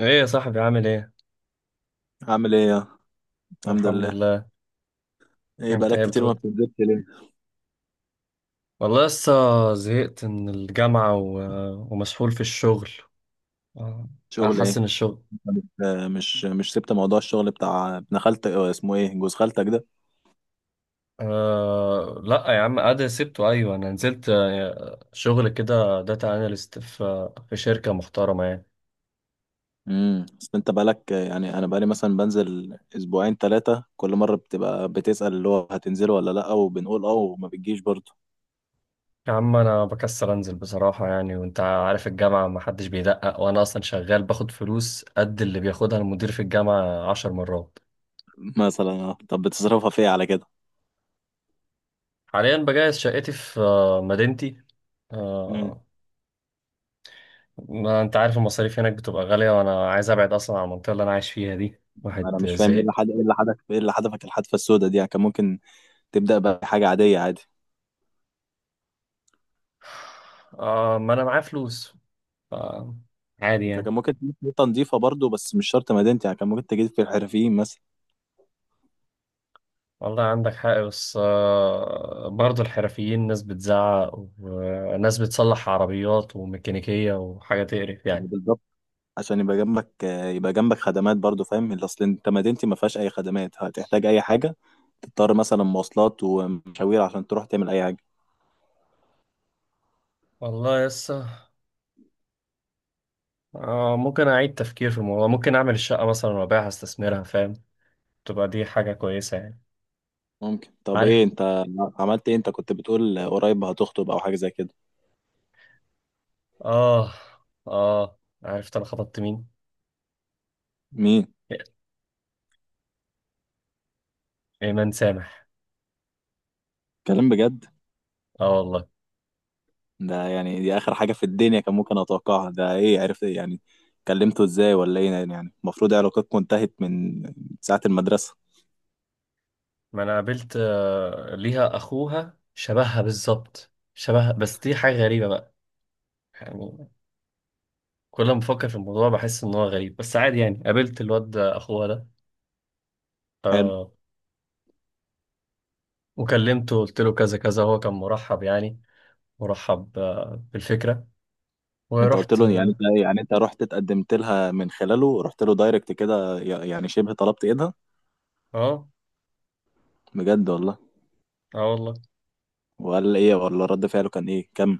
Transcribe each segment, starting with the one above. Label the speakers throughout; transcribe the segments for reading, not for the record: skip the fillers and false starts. Speaker 1: ايه يا صاحبي، عامل ايه؟
Speaker 2: عامل ايه يا. الحمد
Speaker 1: الحمد
Speaker 2: لله.
Speaker 1: لله.
Speaker 2: ايه
Speaker 1: انت
Speaker 2: بقالك
Speaker 1: ايه
Speaker 2: كتير ما
Speaker 1: بترد؟
Speaker 2: بتنزلش ليه؟
Speaker 1: والله لسه زهقت من الجامعة و ومسحول في الشغل. آه،
Speaker 2: شغل ايه؟
Speaker 1: احسن الشغل.
Speaker 2: انت مش سبت موضوع الشغل بتاع ابن خالتك، اسمه ايه جوز خالتك ده؟
Speaker 1: لا يا عم، ادي سبته، ايوه انا نزلت، شغل كده، داتا اناليست في شركة محترمة يعني.
Speaker 2: بس انت بقالك يعني انا بقالي مثلا بنزل اسبوعين 3، كل مرة بتبقى بتسأل اللي هو هتنزله ولا لا وبنقول اه وما بتجيش برضه.
Speaker 1: يا عم انا بكسل انزل بصراحة يعني، وانت عارف الجامعة محدش بيدقق، وانا اصلا شغال باخد فلوس قد اللي بياخدها المدير في الجامعة 10 مرات.
Speaker 2: مثلا طب بتصرفها في ايه على كده؟
Speaker 1: حاليا بجهز شقتي في مدينتي.
Speaker 2: امم.
Speaker 1: آه، ما انت عارف المصاريف هناك بتبقى غالية، وانا عايز ابعد اصلا عن المنطقة اللي انا عايش فيها دي، واحد
Speaker 2: انا مش فاهم، ايه
Speaker 1: زهق.
Speaker 2: اللي حد ايه اللي حدك ايه اللي حدفك الحدفة السوداء دي، يعني كان ممكن تبدأ بحاجة عادية، عادي.
Speaker 1: آه، ما انا معايا فلوس. آه، عادي
Speaker 2: انت كان
Speaker 1: يعني.
Speaker 2: ممكن تجيب نقطة نضيفة برضه، بس مش شرط مدينتي، يعني كان ممكن تجيب في الحرفيين مثلا.
Speaker 1: والله عندك حق، بس برضه الحرفيين ناس بتزعق وناس بتصلح عربيات وميكانيكية وحاجة تقرف يعني.
Speaker 2: بالظبط. عشان يبقى جنبك خدمات برضو، فاهم اللي اصل انت مدينتي ما فيهاش اي خدمات، هتحتاج اي حاجه تضطر مثلا مواصلات ومشاوير عشان تروح تعمل اي حاجه.
Speaker 1: والله لسه آه، ممكن اعيد تفكير في الموضوع، ممكن اعمل الشقة مثلا وابيعها، استثمرها فاهم، تبقى دي حاجة كويسة يعني.
Speaker 2: ممكن. طب ايه
Speaker 1: عارف.
Speaker 2: انت عملت ايه؟ انت كنت بتقول قريب هتخطب او حاجه زي كده.
Speaker 1: اه، اه، عرفت انا خطبت مين؟
Speaker 2: مين؟
Speaker 1: ايمان سامح.
Speaker 2: كلام بجد؟
Speaker 1: اه والله.
Speaker 2: ده يعني دي اخر حاجه في الدنيا كان ممكن اتوقعها، ده ايه عرفت ايه يعني؟ كلمته ازاي ولا ايه يعني؟ المفروض علاقتكم انتهت من ساعه المدرسه.
Speaker 1: ما انا قابلت ليها اخوها، شبهها بالظبط شبهها، بس دي حاجه غريبه بقى، يعني. كل ما بفكر في الموضوع بحس ان هو غريب، بس عادي يعني، قابلت الواد ده، اخوها ده،
Speaker 2: حلو.
Speaker 1: وكلمته، قلت له كذا كذا، هو كان مرحب يعني، مرحب بالفكره،
Speaker 2: انت قلت
Speaker 1: ورحت.
Speaker 2: له يعني انت يعني انت رحت اتقدمت لها من خلاله، رحت له دايركت كده، يعني شبه طلبت ايدها؟
Speaker 1: اه،
Speaker 2: بجد والله؟
Speaker 1: اه والله.
Speaker 2: وقال ايه ولا رد فعله كان ايه كم؟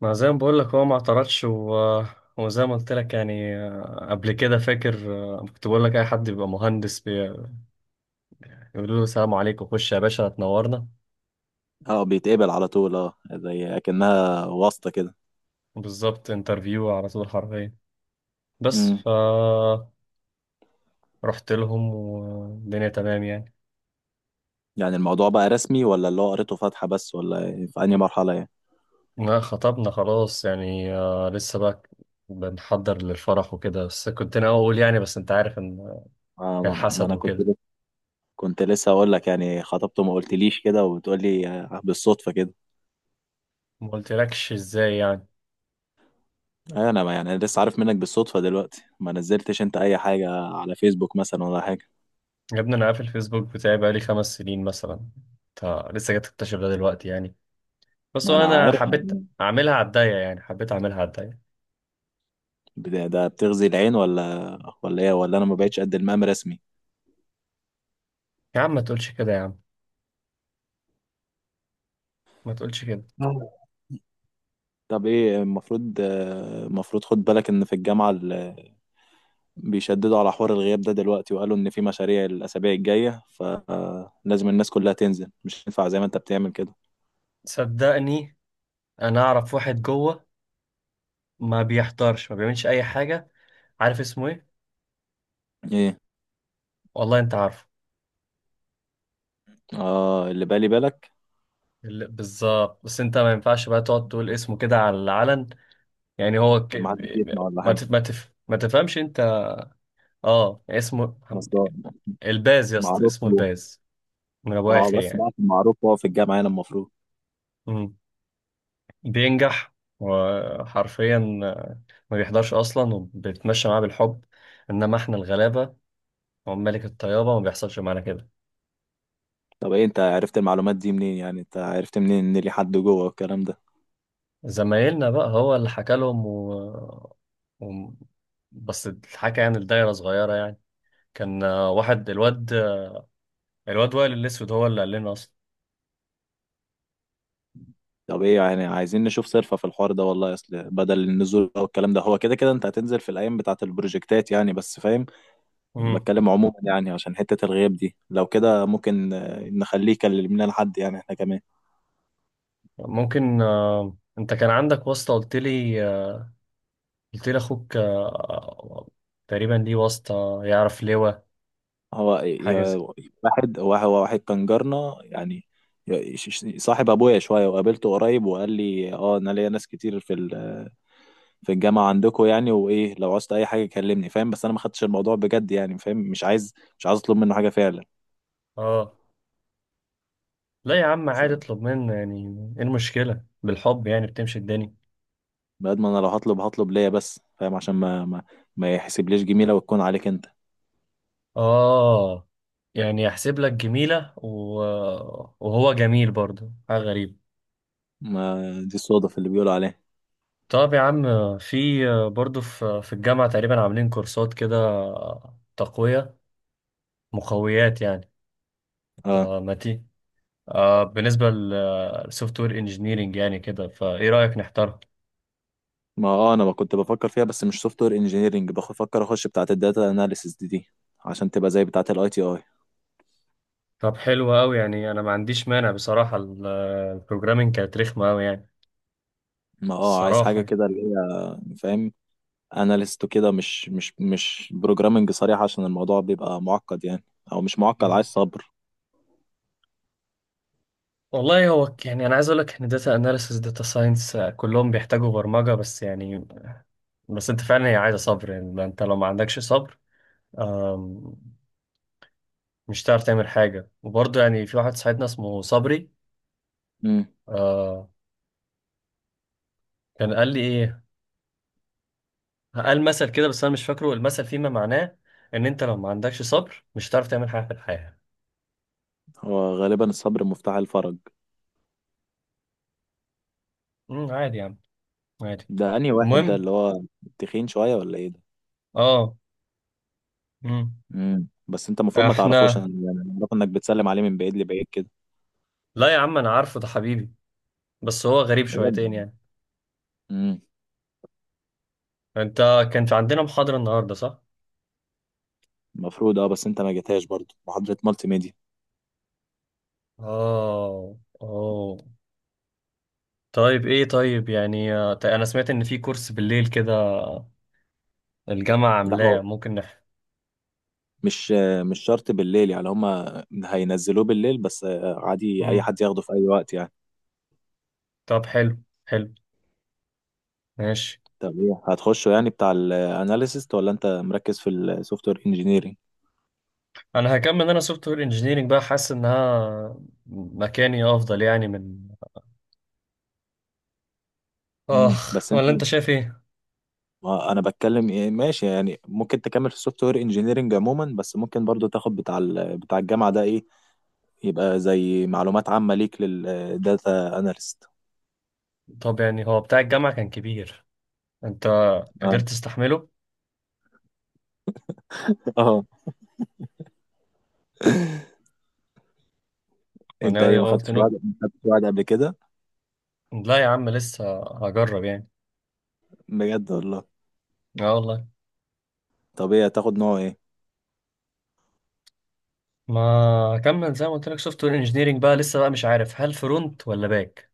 Speaker 1: ما زي ما بقول لك، هو ما اعترضش و وزي ما قلت لك يعني، قبل كده فاكر، كنت بقول لك اي حد بيبقى مهندس بيقولوا له السلام عليكم، خش يا باشا تنورنا.
Speaker 2: اه بيتقبل على طول، اه زي اكنها واسطة كده.
Speaker 1: بالظبط، انترفيو على طول حرفيا. بس
Speaker 2: امم.
Speaker 1: ف رحت لهم، والدنيا تمام يعني.
Speaker 2: يعني الموضوع بقى رسمي ولا اللي هو قريته فاتحة بس ولا ايه؟ في انهي مرحلة يعني؟
Speaker 1: ما خطبنا خلاص يعني، لسه بقى بنحضر للفرح وكده، بس كنت ناوي اقول يعني، بس انت عارف ان
Speaker 2: آه ما, ما
Speaker 1: الحسد
Speaker 2: انا كنت
Speaker 1: وكده.
Speaker 2: لسه كنت لسه اقول لك يعني خطبته ما قلتليش كده، وبتقول لي بالصدفة كده.
Speaker 1: ما قلتلكش ازاي يعني.
Speaker 2: ايوه انا ما يعني لسه عارف منك بالصدفة دلوقتي. ما نزلتش انت اي حاجة على فيسبوك مثلا ولا حاجة؟
Speaker 1: يا ابني انا قافل الفيسبوك بتاعي بقالي 5 سنين مثلا، انت لسه جاي تكتشف ده دلوقتي يعني؟ بس
Speaker 2: ما انا
Speaker 1: هو انا
Speaker 2: عارف.
Speaker 1: حبيت اعملها على الضيق يعني، حبيت اعملها على الضيق.
Speaker 2: ده بتغذي العين ولا ايه؟ ولا انا ما بقتش قد المقام رسمي؟
Speaker 1: يا عم ما تقولش كده، يا عم ما تقولش كده.
Speaker 2: طب ايه المفروض، المفروض خد بالك ان في الجامعة بيشددوا على حوار الغياب ده دلوقتي، وقالوا ان في مشاريع الاسابيع الجاية، فلازم الناس كلها تنزل، مش ينفع زي ما انت بتعمل كده.
Speaker 1: صدقني، انا اعرف واحد جوه، ما بيحضرش ما بيعملش اي حاجه. عارف اسمه ايه؟
Speaker 2: ايه؟
Speaker 1: والله انت عارفه.
Speaker 2: اه اللي بالي بالك.
Speaker 1: بالظبط، بس انت ما ينفعش بقى تقعد تقول اسمه كده على العلن، يعني هو
Speaker 2: عشان ما حدش يسمع ولا حاجة.
Speaker 1: ما تفهمش انت. اه، اسمه
Speaker 2: بس ده
Speaker 1: الباز يا اسطى،
Speaker 2: معروف
Speaker 1: اسمه
Speaker 2: هو.
Speaker 1: الباز، من ابو
Speaker 2: اه
Speaker 1: اخر
Speaker 2: بس
Speaker 1: يعني.
Speaker 2: بقى معروف هو في الجامعة هنا المفروض.
Speaker 1: مم. بينجح، وحرفيا ما بيحضرش اصلا، وبيتمشى معاه بالحب، انما احنا الغلابه وملك الطيابه ما بيحصلش معانا كده.
Speaker 2: طب ايه انت عرفت المعلومات دي منين؟ يعني انت عرفت منين ان لي حد جوه والكلام ده؟
Speaker 1: زمايلنا بقى هو اللي حكى لهم و و بس الحكى يعني، الدايرة صغيرة يعني. كان واحد الواد، الواد وائل الأسود هو اللي قال لنا أصلا.
Speaker 2: طب ايه يعني عايزين نشوف صرفة في الحوار ده والله، اصل بدل النزول او الكلام ده هو كده كده انت هتنزل في الايام بتاعة البروجكتات يعني، بس فاهم
Speaker 1: مم.
Speaker 2: بتكلم عموما يعني عشان حتة الغياب دي، لو كده ممكن نخليه يكلم لنا لحد يعني احنا كمان.
Speaker 1: ممكن، أنت كان عندك واسطة، قلت لي قلت لي أخوك تقريبا ليه واسطة يعرف لواء،
Speaker 2: هو
Speaker 1: حاجة
Speaker 2: يا-
Speaker 1: زي.
Speaker 2: واحد هو واحد كان جارنا يعني، صاحب ابويا شوية، وقابلته قريب وقال لي اه انا ليا ناس كتير في في الجامعة عندكم يعني، وايه لو عاوزت اي حاجة كلمني، فاهم بس انا ما خدتش الموضوع بجد يعني، فاهم مش عايز اطلب منه حاجة فعلا.
Speaker 1: آه لا يا عم، عادي اطلب منه يعني، إيه المشكلة؟ بالحب يعني بتمشي الدنيا.
Speaker 2: بعد ما انا لو هطلب هطلب ليا بس، فاهم عشان ما يحسبليش جميله وتكون عليك انت.
Speaker 1: آه، يعني يحسب لك جميلة و وهو جميل برضه، حاجة غريبة.
Speaker 2: ما دي الصدف اللي بيقولوا عليها.
Speaker 1: طب يا عم، في، برضه في الجامعة تقريبا عاملين كورسات كده، تقوية، مقويات يعني.
Speaker 2: اه.
Speaker 1: آه، ما تي آه، بالنسبة للسوفت وير انجينيرنج يعني كده، فايه رأيك نحتارها؟
Speaker 2: ما اه انا ما كنت بفكر فيها، بس مش سوفت وير انجينيرنج، بفكر اخش بتاعه الداتا اناليسيس دي عشان تبقى زي بتاعه الاي تي اي.
Speaker 1: طب حلو أوي، يعني أنا ما عنديش مانع بصراحة، البروجرامينج كانت رخمة أوي يعني،
Speaker 2: ما اه عايز حاجه
Speaker 1: الصراحة يعني.
Speaker 2: كده اللي هي فاهم، اناليست وكده، مش بروجرامنج صريح، عشان الموضوع بيبقى معقد يعني، او مش معقد، عايز
Speaker 1: مم.
Speaker 2: صبر.
Speaker 1: والله هو يعني أنا عايز أقول لك إن داتا أناليسيس، داتا ساينس كلهم بيحتاجوا برمجة بس يعني. بس أنت فعلا هي عايزة صبر يعني، ما أنت لو ما عندكش صبر مش هتعرف تعمل حاجة. وبرضه يعني في واحد صاحبنا اسمه صبري.
Speaker 2: امم.
Speaker 1: آه، كان قال لي ايه، قال مثل كده بس انا مش فاكره المثل، فيما معناه ان انت لو ما عندكش صبر مش هتعرف تعمل حاجة في الحياة.
Speaker 2: هو غالبا الصبر مفتاح الفرج.
Speaker 1: عادي يا عم، عادي.
Speaker 2: ده انهي واحد ده
Speaker 1: المهم.
Speaker 2: اللي هو تخين شويه ولا ايه ده؟
Speaker 1: اه، امم
Speaker 2: بس انت المفروض ما تعرفوش، انا
Speaker 1: احنا.
Speaker 2: يعني أنا اعرف انك بتسلم عليه من بعيد لبعيد كده.
Speaker 1: لا يا عم، انا عارفه، ده حبيبي، بس هو غريب شويتين
Speaker 2: بجد.
Speaker 1: يعني.
Speaker 2: امم.
Speaker 1: انت، كان في عندنا محاضرة النهاردة صح؟
Speaker 2: المفروض اه، بس انت ما جيتهاش برضه محاضرة مالتي ميديا.
Speaker 1: اه، اه، طيب ايه، طيب يعني طيب انا سمعت ان في كورس بالليل كده الجامعة
Speaker 2: لا هو
Speaker 1: عاملاه، ممكن
Speaker 2: مش شرط بالليل يعني، هما هينزلوه بالليل بس، عادي اي
Speaker 1: مم.
Speaker 2: حد ياخده في اي وقت يعني.
Speaker 1: طب حلو، حلو، ماشي.
Speaker 2: طب ايه هتخشه يعني بتاع الاناليسيست ولا انت مركز في السوفت وير انجينيرنج؟
Speaker 1: انا هكمل، انا سوفت وير انجينيرنج بقى، حاسس انها مكاني افضل يعني من، اخ،
Speaker 2: بس انت،
Speaker 1: ولا انت شايف ايه؟
Speaker 2: ما انا بتكلم ايه ماشي يعني، ممكن تكمل في السوفت وير انجينيرنج عموما، بس ممكن برضو تاخد بتاع بتاع الجامعة ده ايه، يبقى زي معلومات عامة ليك للداتا اناليست.
Speaker 1: طب يعني هو بتاع الجامعة كان كبير، انت
Speaker 2: اه.
Speaker 1: قدرت تستحمله؟
Speaker 2: اه. انت ايه
Speaker 1: انا قلت نو،
Speaker 2: ما خدتش وعد قبل كده؟
Speaker 1: لا يا عم لسه هجرب يعني.
Speaker 2: بجد والله؟
Speaker 1: اه والله.
Speaker 2: طب ايه هتاخد نوع ايه؟
Speaker 1: ما هكمل زي ما قلت لك، سوفت وير انجينيرنج بقى، لسه بقى مش عارف هل فرونت ولا باك،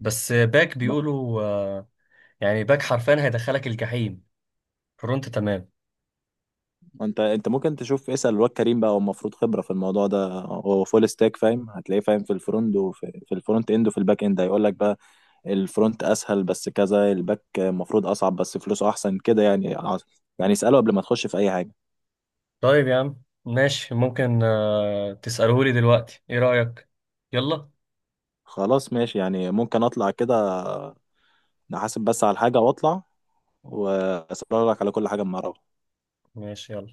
Speaker 1: بس باك
Speaker 2: ما-
Speaker 1: بيقولوا يعني باك حرفيا هيدخلك الجحيم، فرونت تمام.
Speaker 2: ما انت ممكن تشوف اسأل الواد كريم بقى، هو المفروض خبرة في الموضوع ده، هو فول ستاك فاهم، هتلاقيه فاهم في الفرونت، وفي الفرونت اند وفي الباك اند، هيقول لك بقى الفرونت اسهل بس كذا، الباك المفروض اصعب بس فلوسه احسن كده يعني. يعني اسأله قبل ما تخش في اي حاجة.
Speaker 1: طيب يا عم ماشي، ممكن تسألهولي دلوقتي، ايه رأيك؟ يلا.
Speaker 2: خلاص ماشي يعني، ممكن اطلع كده، نحاسب بس على الحاجة واطلع، وأسرارك على كل حاجة أما أعرفها.
Speaker 1: ماشي يلا.